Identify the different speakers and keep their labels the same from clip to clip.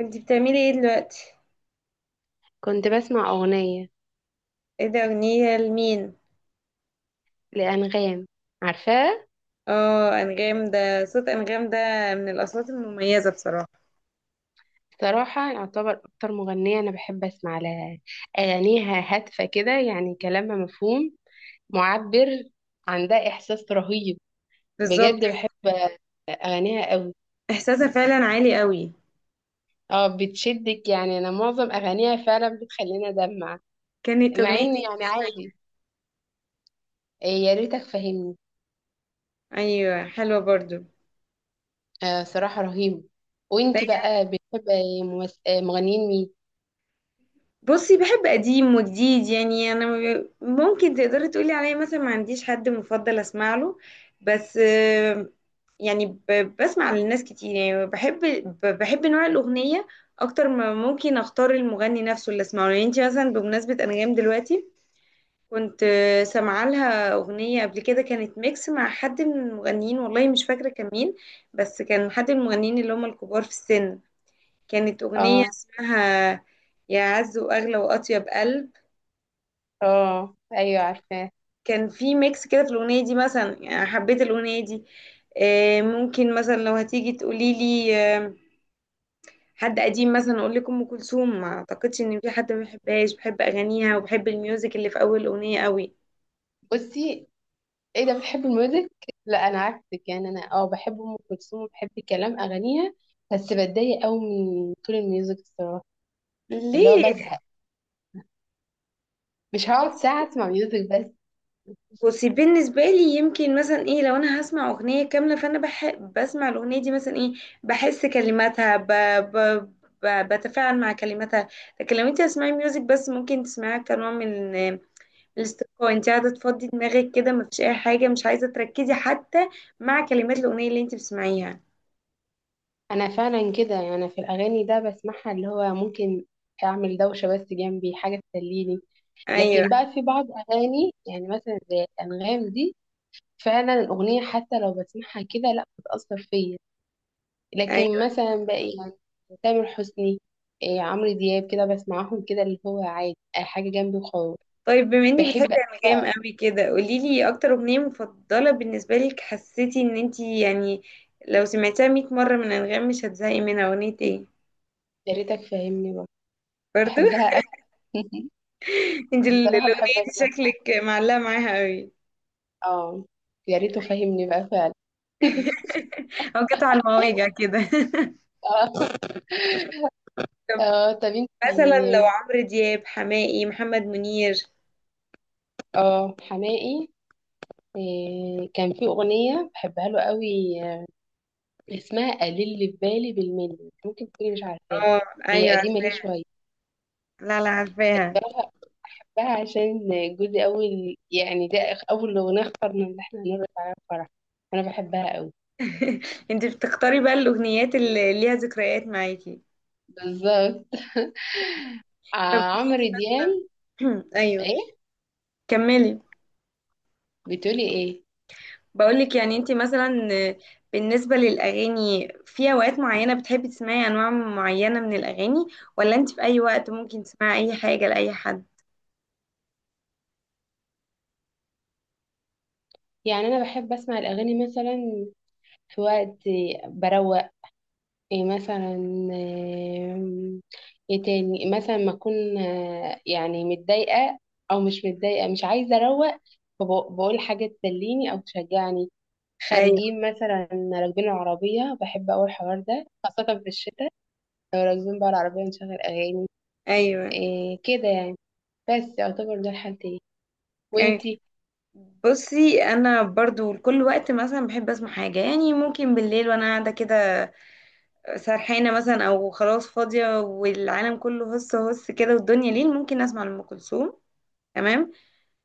Speaker 1: انتي بتعملي ايه دلوقتي؟
Speaker 2: كنت بسمع أغنية
Speaker 1: ايه ده؟ اغنية لمين؟
Speaker 2: لأنغام. عارفاها؟
Speaker 1: اه، انغام ده. صوت انغام ده من الاصوات المميزة بصراحة.
Speaker 2: صراحة يعتبر أكتر مغنية أنا بحب أسمع لها. أغانيها هادفة كده، يعني كلامها مفهوم، معبر. عندها إحساس رهيب.
Speaker 1: بالظبط.
Speaker 2: بجد بحب أغانيها قوي.
Speaker 1: احساسها فعلا عالي قوي.
Speaker 2: اه، بتشدك. يعني أنا معظم أغانيها فعلا بتخليني أدمع،
Speaker 1: كانت
Speaker 2: مع
Speaker 1: اغنية.
Speaker 2: إن يعني عادي. يا ريتك فاهمني.
Speaker 1: ايوه، حلوة برضو.
Speaker 2: آه، صراحة رهيب. وإنتي بقى بتحب مغنيين مين؟
Speaker 1: بصي، بحب قديم وجديد، يعني انا ما ب- ممكن تقدري تقولي عليا مثلا ما عنديش حد مفضل اسمع له. بس يعني بسمع للناس كتير، يعني بحب بحب نوع الاغنيه اكتر ما ممكن اختار المغني نفسه اللي اسمعه. يعني انت مثلا بمناسبه انغام دلوقتي كنت سامعه لها اغنيه قبل كده، كانت ميكس مع حد من المغنيين، والله مش فاكره كان مين، بس كان حد من المغنيين اللي هم الكبار في السن. كانت أغنية
Speaker 2: اه.
Speaker 1: اسمها يا عز وأغلى وأطيب قلب.
Speaker 2: اه، أيوه عارفاه.
Speaker 1: كان في ميكس كده في الأغنية دي، مثلا يعني حبيت الأغنية دي. ممكن مثلا لو هتيجي تقولي لي حد قديم، مثلا أقول لك أم كلثوم، ما أعتقدش إن في حد ما بيحبهاش، بحب أغانيها وبحب الميوزك اللي في أول الأغنية قوي.
Speaker 2: بصي، ايه ده بتحب الميوزك؟ لا، انا عكسك. يعني انا اه بحب ام كلثوم وبحب كلام اغانيها، بس بتضايق قوي من طول الميوزك الصراحه، اللي هو
Speaker 1: ليه؟
Speaker 2: بزهق. مش هقعد
Speaker 1: بص.
Speaker 2: ساعه اسمع ميوزك بس.
Speaker 1: بصي، بالنسبة لي يمكن مثلا ايه، لو انا هسمع اغنية كاملة فانا بسمع الاغنية دي مثلا، ايه، بحس كلماتها ب... ب... بتفاعل مع كلماتها. لكن لو انت هتسمعي ميوزك بس، ممكن تسمعيها كنوع من الاسترخاء. انت قاعدة تفضي دماغك كده، مفيش اي حاجة، مش عايزة تركزي حتى مع كلمات الاغنية اللي انت بتسمعيها.
Speaker 2: انا فعلا كده. يعني أنا في الاغاني ده بسمعها، اللي هو ممكن اعمل دوشه بس جنبي حاجه تسليني.
Speaker 1: ايوه.
Speaker 2: لكن بقى في بعض اغاني يعني، مثلا زي الانغام دي، فعلا الاغنيه حتى لو بسمعها كده لا بتاثر فيا. لكن
Speaker 1: أيوه.
Speaker 2: مثلا باقي، تامر حسني، إيه عمرو دياب، كده بسمعهم كده، اللي هو عادي أي حاجة جنبي وخلاص.
Speaker 1: طيب، بما انك
Speaker 2: بحب
Speaker 1: بتحبي
Speaker 2: أوي
Speaker 1: انغام
Speaker 2: بقى.
Speaker 1: قوي كده، قولي لي اكتر اغنيه مفضله بالنسبه لك، حسيتي ان انت يعني لو سمعتها 100 مره من انغام مش هتزهقي منها اغنيه ايه؟
Speaker 2: يا ريتك فاهمني بقى.
Speaker 1: برضو.
Speaker 2: بحبها أوي.
Speaker 1: انت
Speaker 2: الصراحة بحب
Speaker 1: الاغنيه دي
Speaker 2: أسمعها.
Speaker 1: شكلك معلقه معاها قوي.
Speaker 2: اه، يا ريته فاهمني بقى فعلا.
Speaker 1: او قطع المواجع كده.
Speaker 2: اه.
Speaker 1: طب
Speaker 2: اه طب
Speaker 1: مثلا لو
Speaker 2: انتي.
Speaker 1: عمرو دياب، حماقي، محمد منير.
Speaker 2: اه، حماقي. إيه، كان في أغنية بحبها له قوي. آه، اسمها قليل اللي في بالي بالملي. ممكن تكوني مش عارفاها،
Speaker 1: اه.
Speaker 2: هي
Speaker 1: ايوه.
Speaker 2: قديمة ليه شوية.
Speaker 1: لا لا، عارفاها.
Speaker 2: بقى عشان جوزي أول، يعني ده أول أغنية اخترنا اللي احنا هنرقص عليها الفرح. أنا بحبها أوي.
Speaker 1: انت بتختاري بقى الاغنيات اللي ليها ذكريات معاكي.
Speaker 2: بالظبط.
Speaker 1: طب
Speaker 2: آه،
Speaker 1: قولي
Speaker 2: عمرو
Speaker 1: لي
Speaker 2: دياب.
Speaker 1: بقى، ايوه
Speaker 2: إيه
Speaker 1: كملي.
Speaker 2: بتقولي إيه؟
Speaker 1: بقولك يعني انت مثلا، بالنسبة للأغاني، في أوقات معينة بتحبي تسمعي أنواع معينة من الأغاني، ولا انت في أي وقت ممكن تسمعي أي حاجة لأي حد؟
Speaker 2: يعني أنا بحب أسمع الأغاني، مثلا في وقت بروق. إيه مثلا؟ آم، إيه تاني مثلا؟ ما أكون يعني متضايقة، أو مش متضايقة، مش عايزة أروق، فبقول حاجة تسليني أو تشجعني.
Speaker 1: أيوة.
Speaker 2: خارجين مثلا، راكبين العربية، بحب أوي الحوار ده خاصة في الشتاء. لو راكبين بقى العربية نشغل أغاني.
Speaker 1: أيوة.
Speaker 2: إيه كده يعني. بس يعتبر ده الحالتين.
Speaker 1: يعني
Speaker 2: وانتي؟
Speaker 1: بصي، أنا برضو لكل وقت مثلا بحب أسمع حاجة. يعني ممكن بالليل وأنا قاعدة كده سرحانة مثلا، أو خلاص فاضية والعالم كله هس هس كده، والدنيا ليل، ممكن أسمع لأم كلثوم. تمام.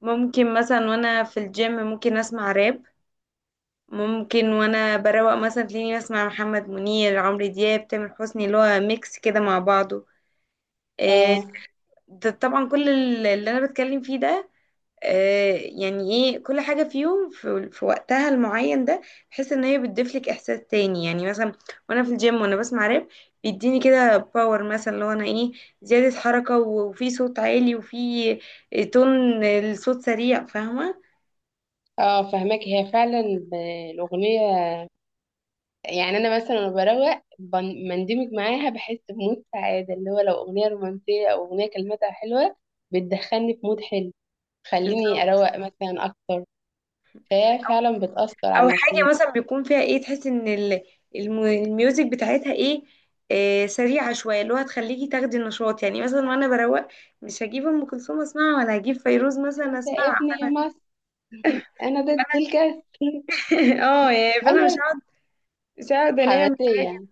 Speaker 1: ممكن مثلا وأنا في الجيم ممكن أسمع راب. ممكن وانا بروق مثلا تلاقيني بسمع محمد منير، عمرو دياب، تامر حسني، اللي هو ميكس كده مع بعضه. آه،
Speaker 2: اه.
Speaker 1: ده طبعا كل اللي انا بتكلم فيه ده، يعني ايه، كل حاجة فيهم في وقتها المعين ده. بحس ان هي بتضيفلك احساس تاني، يعني مثلا وانا في الجيم وانا بسمع راب، بيديني كده باور، مثلا اللي هو انا ايه، زيادة حركة وفي صوت عالي، وفي تون الصوت سريع، فاهمة؟
Speaker 2: اه، فهماك. هي فعلا ب- الأغنية، يعني أنا مثلا لما بروق بندمج معاها، بحس بمود سعادة. اللي هو لو أغنية رومانسية أو أغنية كلماتها حلوة، بتدخلني في مود حلو، تخليني
Speaker 1: بالظبط.
Speaker 2: أروق مثلا أكتر. فهي فعلا بتأثر
Speaker 1: او
Speaker 2: على
Speaker 1: حاجه
Speaker 2: نفسيتي.
Speaker 1: مثلا بيكون فيها ايه، تحس ان الميوزك بتاعتها ايه، سريعه شويه، اللي هو هتخليكي تاخدي النشاط. يعني مثلا وانا بروق مش هجيب ام كلثوم اسمعها، ولا هجيب فيروز مثلا
Speaker 2: انت
Speaker 1: اسمعها.
Speaker 2: ابني يا مصر، أنا ضد الكسل.
Speaker 1: اه، يعني فانا مش
Speaker 2: انا
Speaker 1: هقعد مش هقعد انام.
Speaker 2: حماسيه.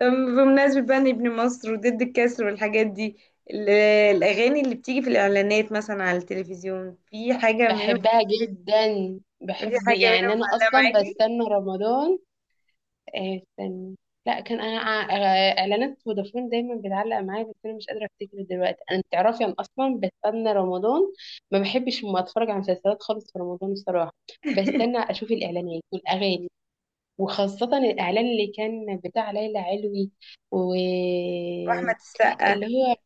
Speaker 1: طب بمناسبة بقى إن ابن مصر وضد الكسر والحاجات دي، ال- الأغاني اللي بتيجي في الإعلانات مثلا على التلفزيون، في حاجة منهم،
Speaker 2: بحبها جدا.
Speaker 1: في
Speaker 2: بحب
Speaker 1: حاجة
Speaker 2: يعني
Speaker 1: منهم
Speaker 2: انا
Speaker 1: معلقة
Speaker 2: اصلا
Speaker 1: معاكي؟
Speaker 2: بستنى رمضان. استنى. لا، كان انا اعلانات فودافون دايما بتعلق معايا، بس انا مش قادره افتكر دلوقتي. انا تعرفي انا اصلا بستنى رمضان، ما بحبش ما اتفرج على مسلسلات خالص في رمضان الصراحه. بستنى اشوف الاعلانات والاغاني، وخاصه الاعلان اللي كان بتاع ليلى علوي.
Speaker 1: وأحمد
Speaker 2: واللي
Speaker 1: السقا.
Speaker 2: هو،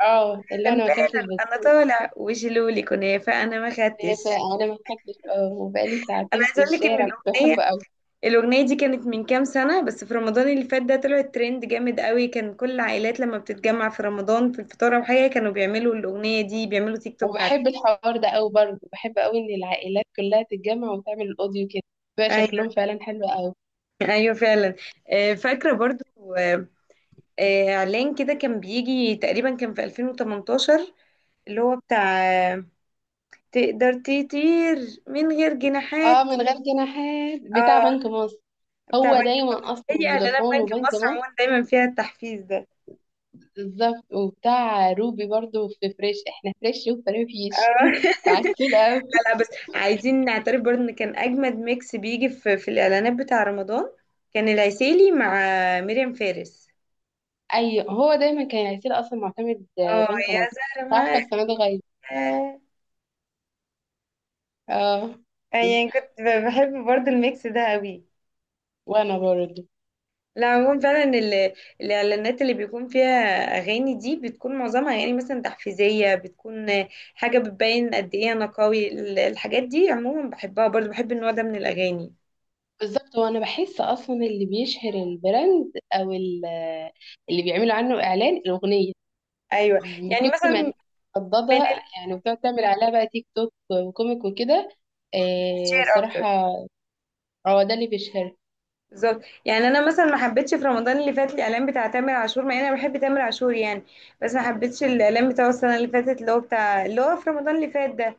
Speaker 2: اه، اللي هو انا ما
Speaker 1: لمبالا.
Speaker 2: اكلتش
Speaker 1: أنا طالع وشلولي كنافة، أنا ما
Speaker 2: في.
Speaker 1: خدتش.
Speaker 2: انا ما خدتش. اه، وبقالي
Speaker 1: انا
Speaker 2: ساعتين
Speaker 1: عايزه
Speaker 2: في
Speaker 1: اقول لك ان
Speaker 2: الشارع كنت
Speaker 1: الاغنيه
Speaker 2: بحبه قوي.
Speaker 1: الاغنيه دي كانت من كام سنه بس، في رمضان اللي فات ده طلعت ترند جامد قوي، كان كل العائلات لما بتتجمع في رمضان في الفطار او حاجه كانوا بيعملوا الاغنيه دي، بيعملوا تيك توك
Speaker 2: وبحب
Speaker 1: عليها.
Speaker 2: الحوار ده قوي برضه. بحب قوي ان العائلات كلها تتجمع وتعمل الاوديو كده، بيبقى شكلهم
Speaker 1: ايوه،
Speaker 2: فعلا حلو قوي.
Speaker 1: ايوه فعلا. آه، فاكره برضو آه، آه، اعلان كده كان بيجي تقريبا، كان في 2018، اللي هو بتاع آه، تقدر تطير من غير
Speaker 2: اه،
Speaker 1: جناحات.
Speaker 2: من غير جناحات بتاع
Speaker 1: اه،
Speaker 2: بنك مصر.
Speaker 1: بتاع
Speaker 2: هو
Speaker 1: بنك.
Speaker 2: دايما اصلا
Speaker 1: اي اعلانات
Speaker 2: فودافون
Speaker 1: بنك
Speaker 2: وبنك
Speaker 1: مصر
Speaker 2: مصر.
Speaker 1: عموما دايما فيها التحفيز ده.
Speaker 2: بالظبط، وبتاع روبي برضه في فريش، احنا فريش وفريش
Speaker 1: اه.
Speaker 2: عسول قوي.
Speaker 1: لا لا، بس عايزين نعترف برضه ان كان اجمد ميكس بيجي في الاعلانات بتاع رمضان كان العسيلي مع مريم فارس.
Speaker 2: ايوه، هو دايما كان عسول. اصلا معتمد
Speaker 1: اه،
Speaker 2: بنك
Speaker 1: يا
Speaker 2: مصر.
Speaker 1: زهرة ما.
Speaker 2: عارفه السنه دي غير؟ اه،
Speaker 1: يعني كنت بحب برضه الميكس ده قوي.
Speaker 2: وانا برضه
Speaker 1: لا، عموما فعلا الاعلانات اللي بيكون فيها اغاني دي بتكون معظمها يعني مثلا تحفيزية، بتكون حاجة بتبين قد ايه انا قوي. الحاجات دي عموما بحبها، برضه بحب النوع ده من الاغاني.
Speaker 2: بالظبط. هو انا بحس اصلا اللي بيشهر البراند او اللي بيعملوا عنه اعلان الاغنيه،
Speaker 1: ايوه،
Speaker 2: من
Speaker 1: يعني
Speaker 2: كتر
Speaker 1: مثلا
Speaker 2: ما
Speaker 1: من
Speaker 2: الناس مردده، يعني بتقعد تعمل عليها بقى تيك توك وكوميك وكده. آه
Speaker 1: الشعر اكتر.
Speaker 2: الصراحه، هو ده اللي بيشهر.
Speaker 1: بالظبط، يعني انا مثلا ما حبيتش في رمضان اللي فات الاعلان بتاع تامر عاشور، مع ان انا بحب تامر عاشور يعني، بس ما حبيتش الاعلان بتاعه السنه اللي فاتت، اللي هو بتاع اللي هو في رمضان اللي فات ده،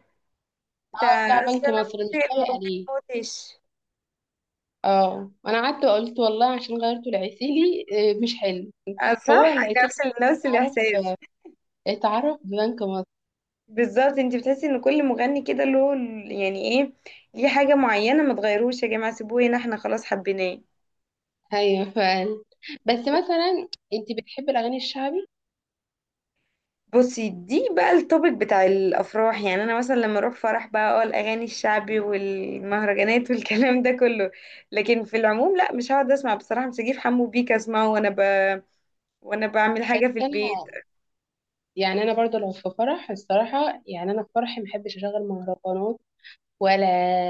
Speaker 2: اه،
Speaker 1: بتاع
Speaker 2: بتاع
Speaker 1: اصل
Speaker 2: بنك
Speaker 1: انا
Speaker 2: مصر مش
Speaker 1: موتي
Speaker 2: لايق
Speaker 1: الموبايل
Speaker 2: عليه.
Speaker 1: موتش.
Speaker 2: اه، انا قعدت وقلت والله عشان غيرته لعسيلي. آه مش حلو. هو
Speaker 1: صح.
Speaker 2: العسيلي
Speaker 1: نفس
Speaker 2: اتعرف،
Speaker 1: الاحساس.
Speaker 2: اتعرف ببنك مصر.
Speaker 1: بالظبط، انت بتحسي ان كل مغني كده له يعني ايه، ليه حاجه معينه. ما تغيروش يا جماعه، سيبوه هنا، احنا خلاص حبيناه.
Speaker 2: ايوه فعلا. بس مثلا انت بتحبي الاغاني الشعبي؟
Speaker 1: بصي، دي بقى التوبيك بتاع الافراح. يعني انا مثلا لما اروح فرح بقى، اه، الاغاني الشعبي والمهرجانات والكلام ده كله. لكن في العموم لا، مش هقعد اسمع بصراحه، مش هجيب حمو بيك اسمعه وانا وانا بعمل
Speaker 2: بس
Speaker 1: حاجه في البيت.
Speaker 2: انا، يعني انا برضو لو في فرح الصراحه، يعني انا في فرحي ما احبش اشغل مهرجانات، ولا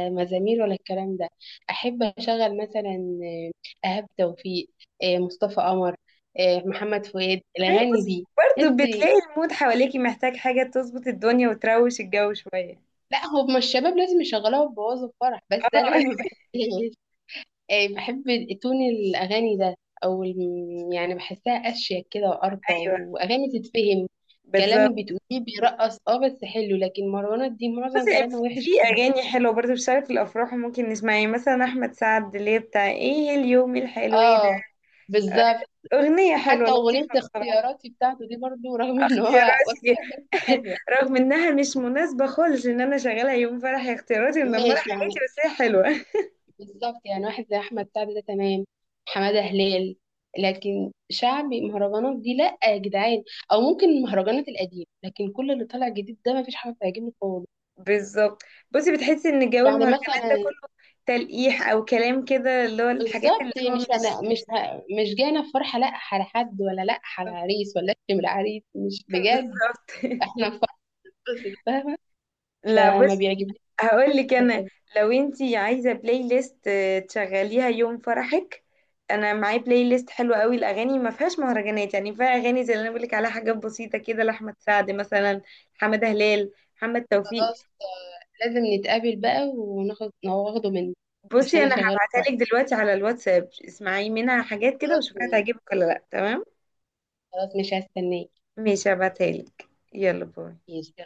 Speaker 2: مزامير ولا الكلام ده. احب اشغل مثلا ايهاب توفيق، مصطفى قمر، محمد فؤاد،
Speaker 1: ما هي
Speaker 2: الاغاني
Speaker 1: بصي
Speaker 2: دي.
Speaker 1: برضه،
Speaker 2: تحس.
Speaker 1: بتلاقي المود حواليكي محتاج حاجه تظبط الدنيا وتروش الجو شويه.
Speaker 2: لا، هما الشباب لازم يشغلوها وبوظوا الفرح، بس
Speaker 1: اه.
Speaker 2: انا ما بحبش. بحب تون الاغاني ده، او يعني بحسها اشيك كده وارقى،
Speaker 1: ايوه،
Speaker 2: واغاني تتفهم
Speaker 1: بالظبط.
Speaker 2: كلام بتقوليه. بيرقص اه، بس حلو، لكن مروانات دي معظم
Speaker 1: بصي،
Speaker 2: كلامها وحش.
Speaker 1: في اغاني حلوه برضه بتشتغل في الافراح وممكن نسمعها، يعني مثلا احمد سعد اللي هي بتاع ايه، اليوم الحلو إيه ده.
Speaker 2: اه، بالظبط.
Speaker 1: آه، اغنيه حلوه
Speaker 2: حتى أغنية
Speaker 1: لطيفه.
Speaker 2: اختياراتي بتاعته دي برضو، رغم ان هو واحد،
Speaker 1: اختياراتي.
Speaker 2: بس حلوة.
Speaker 1: رغم انها مش مناسبة خالص ان انا شغالة يوم فرح هي اختياراتي ومدمرة
Speaker 2: ماشي
Speaker 1: حياتي،
Speaker 2: يعني.
Speaker 1: بس هي حلوة.
Speaker 2: بالظبط، يعني واحد زي أحمد سعد ده تمام، حمادة هلال. لكن شعبي مهرجانات دي لأ يا جدعان. أو ممكن المهرجانات القديمة، لكن كل اللي طالع جديد ده مفيش حاجة بتعجبني خالص.
Speaker 1: بالظبط. بصي، بتحسي ان جو
Speaker 2: يعني
Speaker 1: المهرجانات ده
Speaker 2: مثلا
Speaker 1: كله تلقيح او كلام كده، اللي هو الحاجات اللي
Speaker 2: بالظبط،
Speaker 1: هو
Speaker 2: مش
Speaker 1: مش.
Speaker 2: أنا مش مش جاية في فرحة لأ على حد، ولا لأ على عريس، ولا أشتم العريس. مش بجد،
Speaker 1: بالظبط.
Speaker 2: احنا في فرحة. بس فاهمة،
Speaker 1: لا
Speaker 2: فما
Speaker 1: بصي،
Speaker 2: بيعجبنيش
Speaker 1: هقول لك
Speaker 2: ده
Speaker 1: انا،
Speaker 2: خالص.
Speaker 1: لو انتي عايزه بلاي ليست تشغليها يوم فرحك، انا معايا بلاي ليست حلوه قوي، الاغاني ما فيهاش مهرجانات، يعني فيها اغاني زي اللي انا بقول لك عليها، حاجات بسيطه كده لاحمد سعد مثلا، حماده هلال، محمد توفيق.
Speaker 2: خلاص، لازم نتقابل بقى وناخد واخده منك، عشان
Speaker 1: بصي، انا
Speaker 2: اشغله في
Speaker 1: هبعتها
Speaker 2: ورق.
Speaker 1: لك دلوقتي على الواتساب، اسمعي منها حاجات كده
Speaker 2: خلاص
Speaker 1: وشوفيها تعجبك ولا لا. تمام؟
Speaker 2: خلاص مش هستناك.
Speaker 1: ماشي، هبعتها لك. يلا باي.
Speaker 2: ماشي يلا.